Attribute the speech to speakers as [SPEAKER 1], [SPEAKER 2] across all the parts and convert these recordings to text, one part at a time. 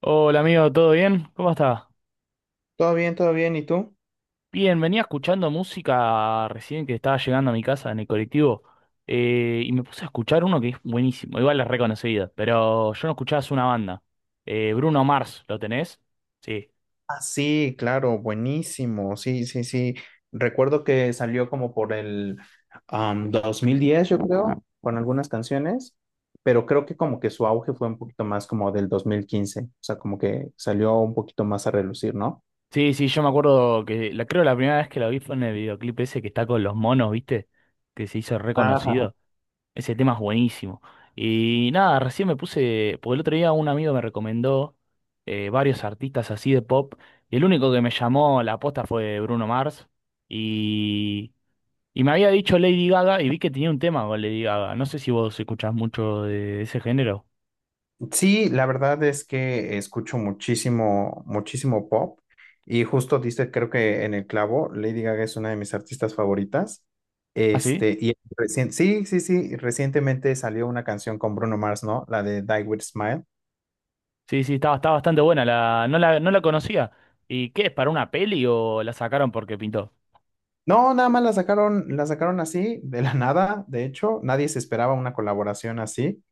[SPEAKER 1] Hola amigo, ¿todo bien? ¿Cómo estás?
[SPEAKER 2] Todo bien, todo bien. ¿Y tú?
[SPEAKER 1] Bien, venía escuchando música recién que estaba llegando a mi casa en el colectivo y me puse a escuchar uno que es buenísimo, igual es reconocido, pero yo no escuchaba, es una banda. Bruno Mars, ¿lo tenés? Sí.
[SPEAKER 2] Ah, sí, claro, buenísimo. Sí, sí, sí. Recuerdo que salió como por el 2010, yo creo, con algunas canciones, pero creo que como que su auge fue un poquito más como del 2015. O sea, como que salió un poquito más a relucir, ¿no?
[SPEAKER 1] Sí, sí, yo me acuerdo que la, creo la primera vez que lo vi fue en el videoclip ese que está con los monos, ¿viste? Que se hizo reconocido. Ese tema es buenísimo. Y nada, recién me puse, porque el otro día un amigo me recomendó varios artistas así de pop, y el único que me llamó la aposta fue Bruno Mars, y, y me había dicho Lady Gaga, y vi que tenía un tema con Lady Gaga. No sé si vos escuchás mucho de ese género.
[SPEAKER 2] Sí, la verdad es que escucho muchísimo, muchísimo pop y justo diste, creo que en el clavo, Lady Gaga es una de mis artistas favoritas.
[SPEAKER 1] ¿Ah, sí?
[SPEAKER 2] Este, y sí, sí, sí, recientemente salió una canción con Bruno Mars, ¿no? La de Die With Smile.
[SPEAKER 1] Sí, sí, está, está bastante buena, la, no la, no la conocía. ¿Y qué es, para una peli o la sacaron porque pintó?
[SPEAKER 2] No, nada más la sacaron así, de la nada, de hecho, nadie se esperaba una colaboración así.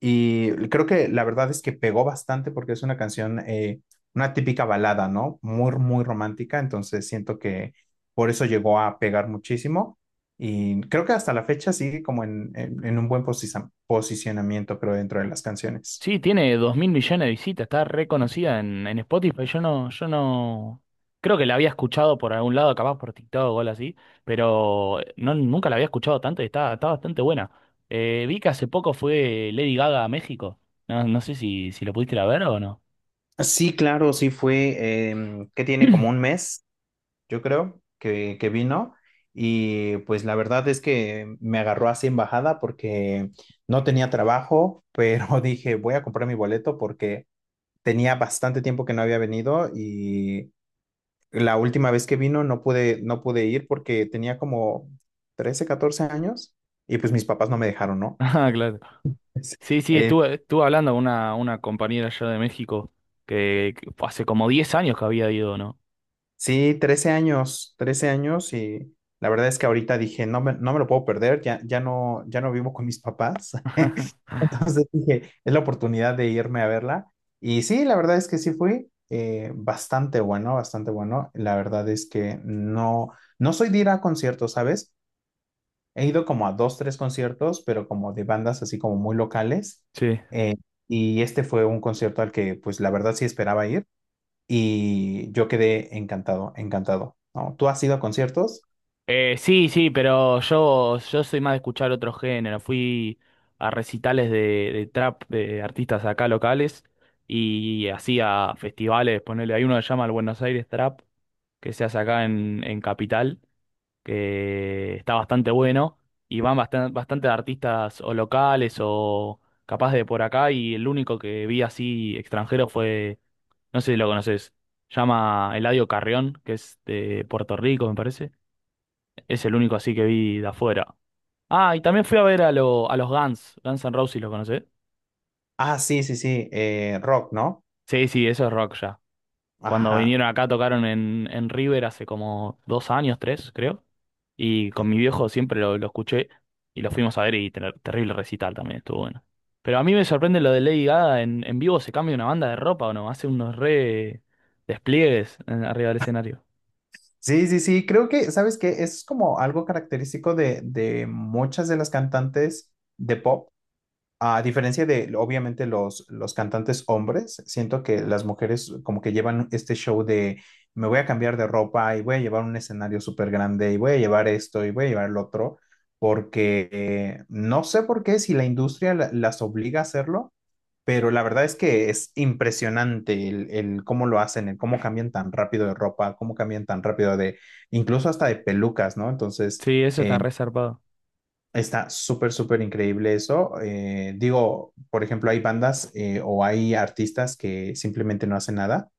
[SPEAKER 2] Y creo que la verdad es que pegó bastante porque es una canción, una típica balada, ¿no? Muy, muy romántica, entonces siento que por eso llegó a pegar muchísimo. Y creo que hasta la fecha sigue como en un buen posicionamiento, creo, dentro de las canciones.
[SPEAKER 1] Sí, tiene 2.000 millones de visitas, está reconocida en Spotify. Yo no, yo no. Creo que la había escuchado por algún lado, capaz por TikTok o algo así, pero no, nunca la había escuchado tanto y está, está bastante buena. Vi que hace poco fue Lady Gaga a México. No, no sé si, si lo pudiste ir a ver o no.
[SPEAKER 2] Sí, claro, sí fue, que tiene como un mes yo creo, que vino. Y pues la verdad es que me agarró así en bajada porque no tenía trabajo, pero dije, voy a comprar mi boleto porque tenía bastante tiempo que no había venido y la última vez que vino no pude, no pude ir porque tenía como 13 14 años y pues mis papás no me dejaron, ¿no?
[SPEAKER 1] Ah, claro. Sí, sí,
[SPEAKER 2] Eh,
[SPEAKER 1] estuve, estuve hablando con una compañera allá de México que hace como 10 años que había ido, ¿no?
[SPEAKER 2] sí, 13 años, 13 años y la verdad es que ahorita dije, no me lo puedo perder, ya, ya no vivo con mis papás. Entonces dije, es la oportunidad de irme a verla. Y sí, la verdad es que sí fui, bastante bueno, bastante bueno. La verdad es que no soy de ir a conciertos, ¿sabes? He ido como a dos, tres conciertos, pero como de bandas así como muy locales.
[SPEAKER 1] Sí.
[SPEAKER 2] Eh, y este fue un concierto al que pues la verdad sí esperaba ir y yo quedé encantado, encantado, ¿no? ¿Tú has ido a conciertos?
[SPEAKER 1] Sí, sí, pero yo soy más de escuchar otro género. Fui a recitales de trap de artistas acá locales y así a festivales, ponele, hay uno que se llama el Buenos Aires Trap, que se hace acá en Capital, que está bastante bueno y van bastante, bastante artistas o locales o capaz de por acá y el único que vi así extranjero fue, no sé si lo conoces, llama Eladio Carrión, que es de Puerto Rico, me parece. Es el único así que vi de afuera. Ah, y también fui a ver a, a los Guns. Guns N' Roses, ¿lo conocés?
[SPEAKER 2] Ah, sí, sí, sí, rock, ¿no?
[SPEAKER 1] Sí, sí, eso es rock ya. Cuando
[SPEAKER 2] Ajá.
[SPEAKER 1] vinieron acá tocaron en River hace como 2 años, tres, creo. Y con mi viejo siempre lo escuché y lo fuimos a ver y terrible recital también, estuvo bueno. Pero a mí me sorprende lo de Lady Gaga en vivo, se cambia una banda de ropa o no, hace unos re despliegues en- arriba del escenario.
[SPEAKER 2] Sí, sí, sí, creo que, ¿sabes qué? Es como algo característico de muchas de las cantantes de pop, a diferencia de, obviamente, los cantantes hombres, siento que las mujeres como que llevan este show de me voy a cambiar de ropa y voy a llevar un escenario súper grande y voy a llevar esto y voy a llevar lo otro, porque no sé por qué si la industria las obliga a hacerlo, pero la verdad es que es impresionante el cómo lo hacen, el cómo cambian tan rápido de ropa, cómo cambian tan rápido de, incluso hasta de pelucas, ¿no? Entonces,
[SPEAKER 1] Sí, eso está
[SPEAKER 2] eh,
[SPEAKER 1] re zarpado.
[SPEAKER 2] está súper, súper increíble eso. Digo, por ejemplo, hay bandas, o hay artistas que simplemente no hacen nada,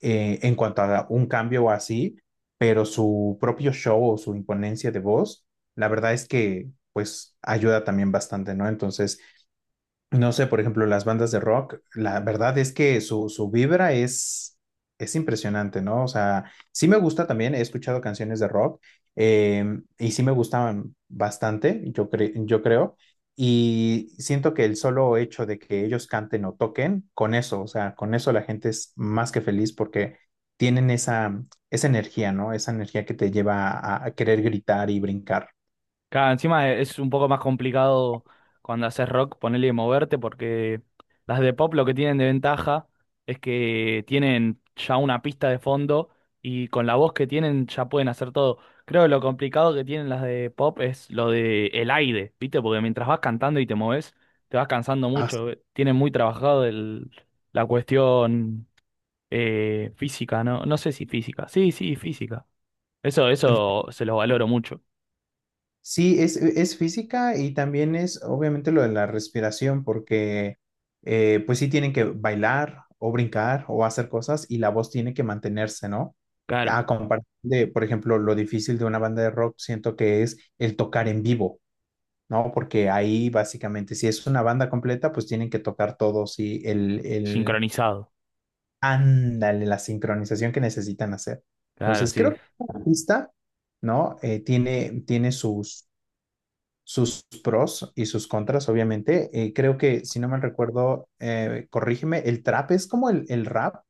[SPEAKER 2] en cuanto a un cambio o así, pero su propio show o su imponencia de voz, la verdad es que pues ayuda también bastante, ¿no? Entonces, no sé, por ejemplo, las bandas de rock, la verdad es que su vibra es impresionante, ¿no? O sea, sí me gusta también, he escuchado canciones de rock, y sí me gustaban bastante, yo creo, y siento que el solo hecho de que ellos canten o toquen, con eso, o sea, con eso la gente es más que feliz porque tienen esa, energía, ¿no? Esa energía que te lleva a querer gritar y brincar.
[SPEAKER 1] Claro, encima es un poco más complicado cuando haces rock ponerle y moverte porque las de pop lo que tienen de ventaja es que tienen ya una pista de fondo y con la voz que tienen ya pueden hacer todo. Creo que lo complicado que tienen las de pop es lo de el aire, ¿viste? Porque mientras vas cantando y te moves, te vas cansando
[SPEAKER 2] Ah,
[SPEAKER 1] mucho. Tienen muy trabajado la cuestión física, ¿no? No sé si física. Sí, sí, física. Eso se lo valoro mucho.
[SPEAKER 2] sí, es física y también es obviamente lo de la respiración, porque pues sí tienen que bailar o brincar o hacer cosas y la voz tiene que mantenerse, ¿no?
[SPEAKER 1] Claro,
[SPEAKER 2] A comparación de, por ejemplo, lo difícil de una banda de rock, siento que es el tocar en vivo, ¿no? Porque ahí básicamente, si es una banda completa, pues tienen que tocar todos y
[SPEAKER 1] sincronizado.
[SPEAKER 2] ándale, la sincronización que necesitan hacer.
[SPEAKER 1] Claro,
[SPEAKER 2] Entonces, creo
[SPEAKER 1] sí.
[SPEAKER 2] que la pista, ¿no? Tiene sus pros y sus contras, obviamente. Creo que, si no mal recuerdo, corrígeme, el trap es como el rap,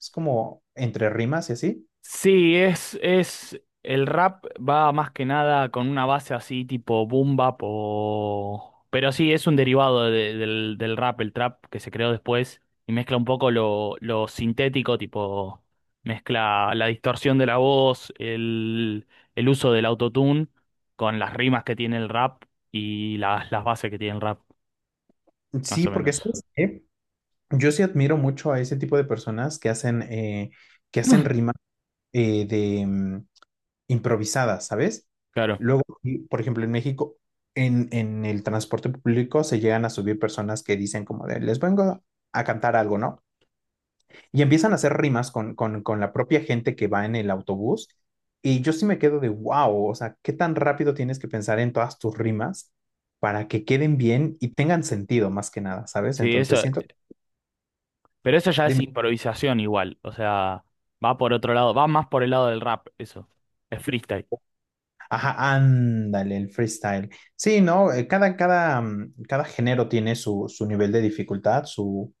[SPEAKER 2] es como entre rimas y así.
[SPEAKER 1] Sí, es, el rap va más que nada con una base así tipo boom bap o... Pero sí, es un derivado del, del rap, el trap que se creó después y mezcla un poco lo sintético, tipo mezcla la distorsión de la voz, el uso del autotune con las rimas que tiene el rap y las bases que tiene el rap, más
[SPEAKER 2] Sí,
[SPEAKER 1] o
[SPEAKER 2] porque
[SPEAKER 1] menos.
[SPEAKER 2] ¿sabes qué? Yo sí admiro mucho a ese tipo de personas que que hacen rimas, de improvisadas, ¿sabes?
[SPEAKER 1] Claro.
[SPEAKER 2] Luego, y, por ejemplo, en México, en el transporte público se llegan a subir personas que dicen como de, les vengo a cantar algo, ¿no? Y empiezan a hacer rimas con la propia gente que va en el autobús. Y yo sí me quedo de wow, o sea, qué tan rápido tienes que pensar en todas tus rimas para que queden bien y tengan sentido más que nada, ¿sabes?
[SPEAKER 1] Sí,
[SPEAKER 2] Entonces
[SPEAKER 1] eso.
[SPEAKER 2] siento,
[SPEAKER 1] Pero eso ya es
[SPEAKER 2] dime,
[SPEAKER 1] improvisación igual, o sea, va por otro lado, va más por el lado del rap, eso. Es freestyle.
[SPEAKER 2] ajá, ándale, el freestyle. Sí, ¿no? Cada género tiene su nivel de dificultad,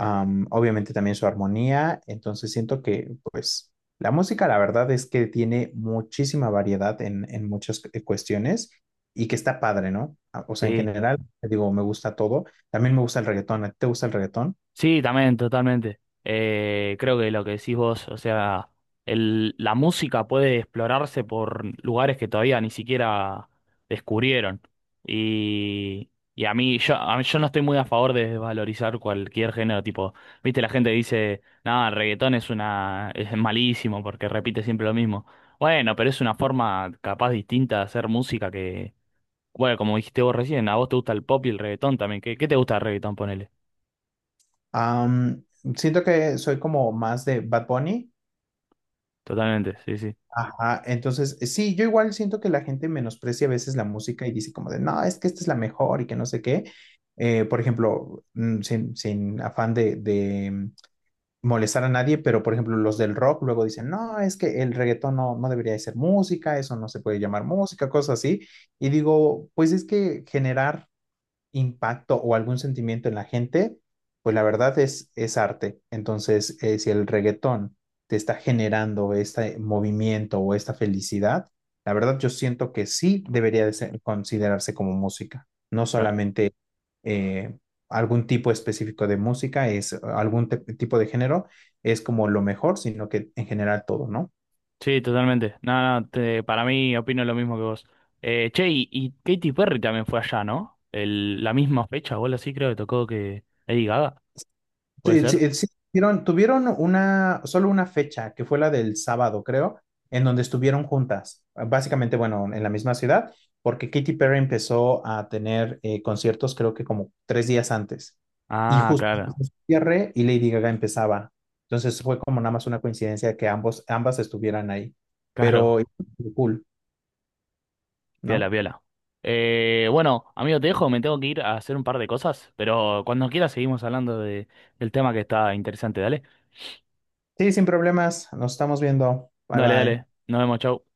[SPEAKER 2] Obviamente también su armonía, entonces siento que pues la música la verdad es que tiene muchísima variedad en muchas cuestiones y que está padre, ¿no? Ah, o sea, en
[SPEAKER 1] Sí.
[SPEAKER 2] general, te digo, me gusta todo, también me gusta el reggaetón. ¿A ti te gusta el reggaetón?
[SPEAKER 1] Sí, también, totalmente. Creo que lo que decís vos, o sea, el, la música puede explorarse por lugares que todavía ni siquiera descubrieron. Y a mí, yo, yo no estoy muy a favor de desvalorizar cualquier género, tipo, viste, la gente dice, nada, el reggaetón es una, es malísimo porque repite siempre lo mismo. Bueno, pero es una forma capaz distinta de hacer música que, bueno, como dijiste vos recién, a vos te gusta el pop y el reggaetón también. ¿Qué, qué te gusta el reggaetón, ponele?
[SPEAKER 2] Am, siento que soy como más de Bad Bunny.
[SPEAKER 1] Totalmente, sí, sí.
[SPEAKER 2] Ajá, entonces sí, yo igual siento que la gente menosprecia a veces la música y dice como de, no, es que esta es la mejor y que no sé qué. Por ejemplo, sin afán de molestar a nadie, pero por ejemplo los del rock luego dicen, no, es que el reggaetón no debería de ser música, eso no se puede llamar música, cosas así. Y digo, pues es que generar impacto o algún sentimiento en la gente, pues la verdad es arte. Entonces, si el reggaetón te está generando este movimiento o esta felicidad, la verdad yo siento que sí debería de considerarse como música, no
[SPEAKER 1] Claro.
[SPEAKER 2] solamente, eh, algún tipo específico de música, es algún tipo de género, es como lo mejor, sino que en general todo, ¿no?
[SPEAKER 1] Sí, totalmente. No, no, para mí opino lo mismo que vos. Che, y Katy Perry también fue allá, ¿no? El, la misma fecha, o algo así creo que tocó que Lady Gaga, ¿puede
[SPEAKER 2] Sí,
[SPEAKER 1] ser?
[SPEAKER 2] sí, sí, tuvieron solo una fecha, que fue la del sábado, creo, en donde estuvieron juntas, básicamente, bueno, en la misma ciudad, porque Katy Perry empezó a tener, conciertos, creo que como 3 días antes, y
[SPEAKER 1] Ah,
[SPEAKER 2] justo
[SPEAKER 1] claro,
[SPEAKER 2] hizo su cierre y Lady Gaga empezaba. Entonces fue como nada más una coincidencia que ambos, ambas estuvieran ahí, pero
[SPEAKER 1] claro.
[SPEAKER 2] cool,
[SPEAKER 1] Piola,
[SPEAKER 2] ¿no?
[SPEAKER 1] piola. Bueno, amigo, te dejo, me tengo que ir a hacer un par de cosas, pero cuando quieras seguimos hablando de, del tema que está interesante, dale.
[SPEAKER 2] Sí, sin problemas, nos estamos viendo. Bye
[SPEAKER 1] Dale,
[SPEAKER 2] bye.
[SPEAKER 1] dale. Nos vemos, chau.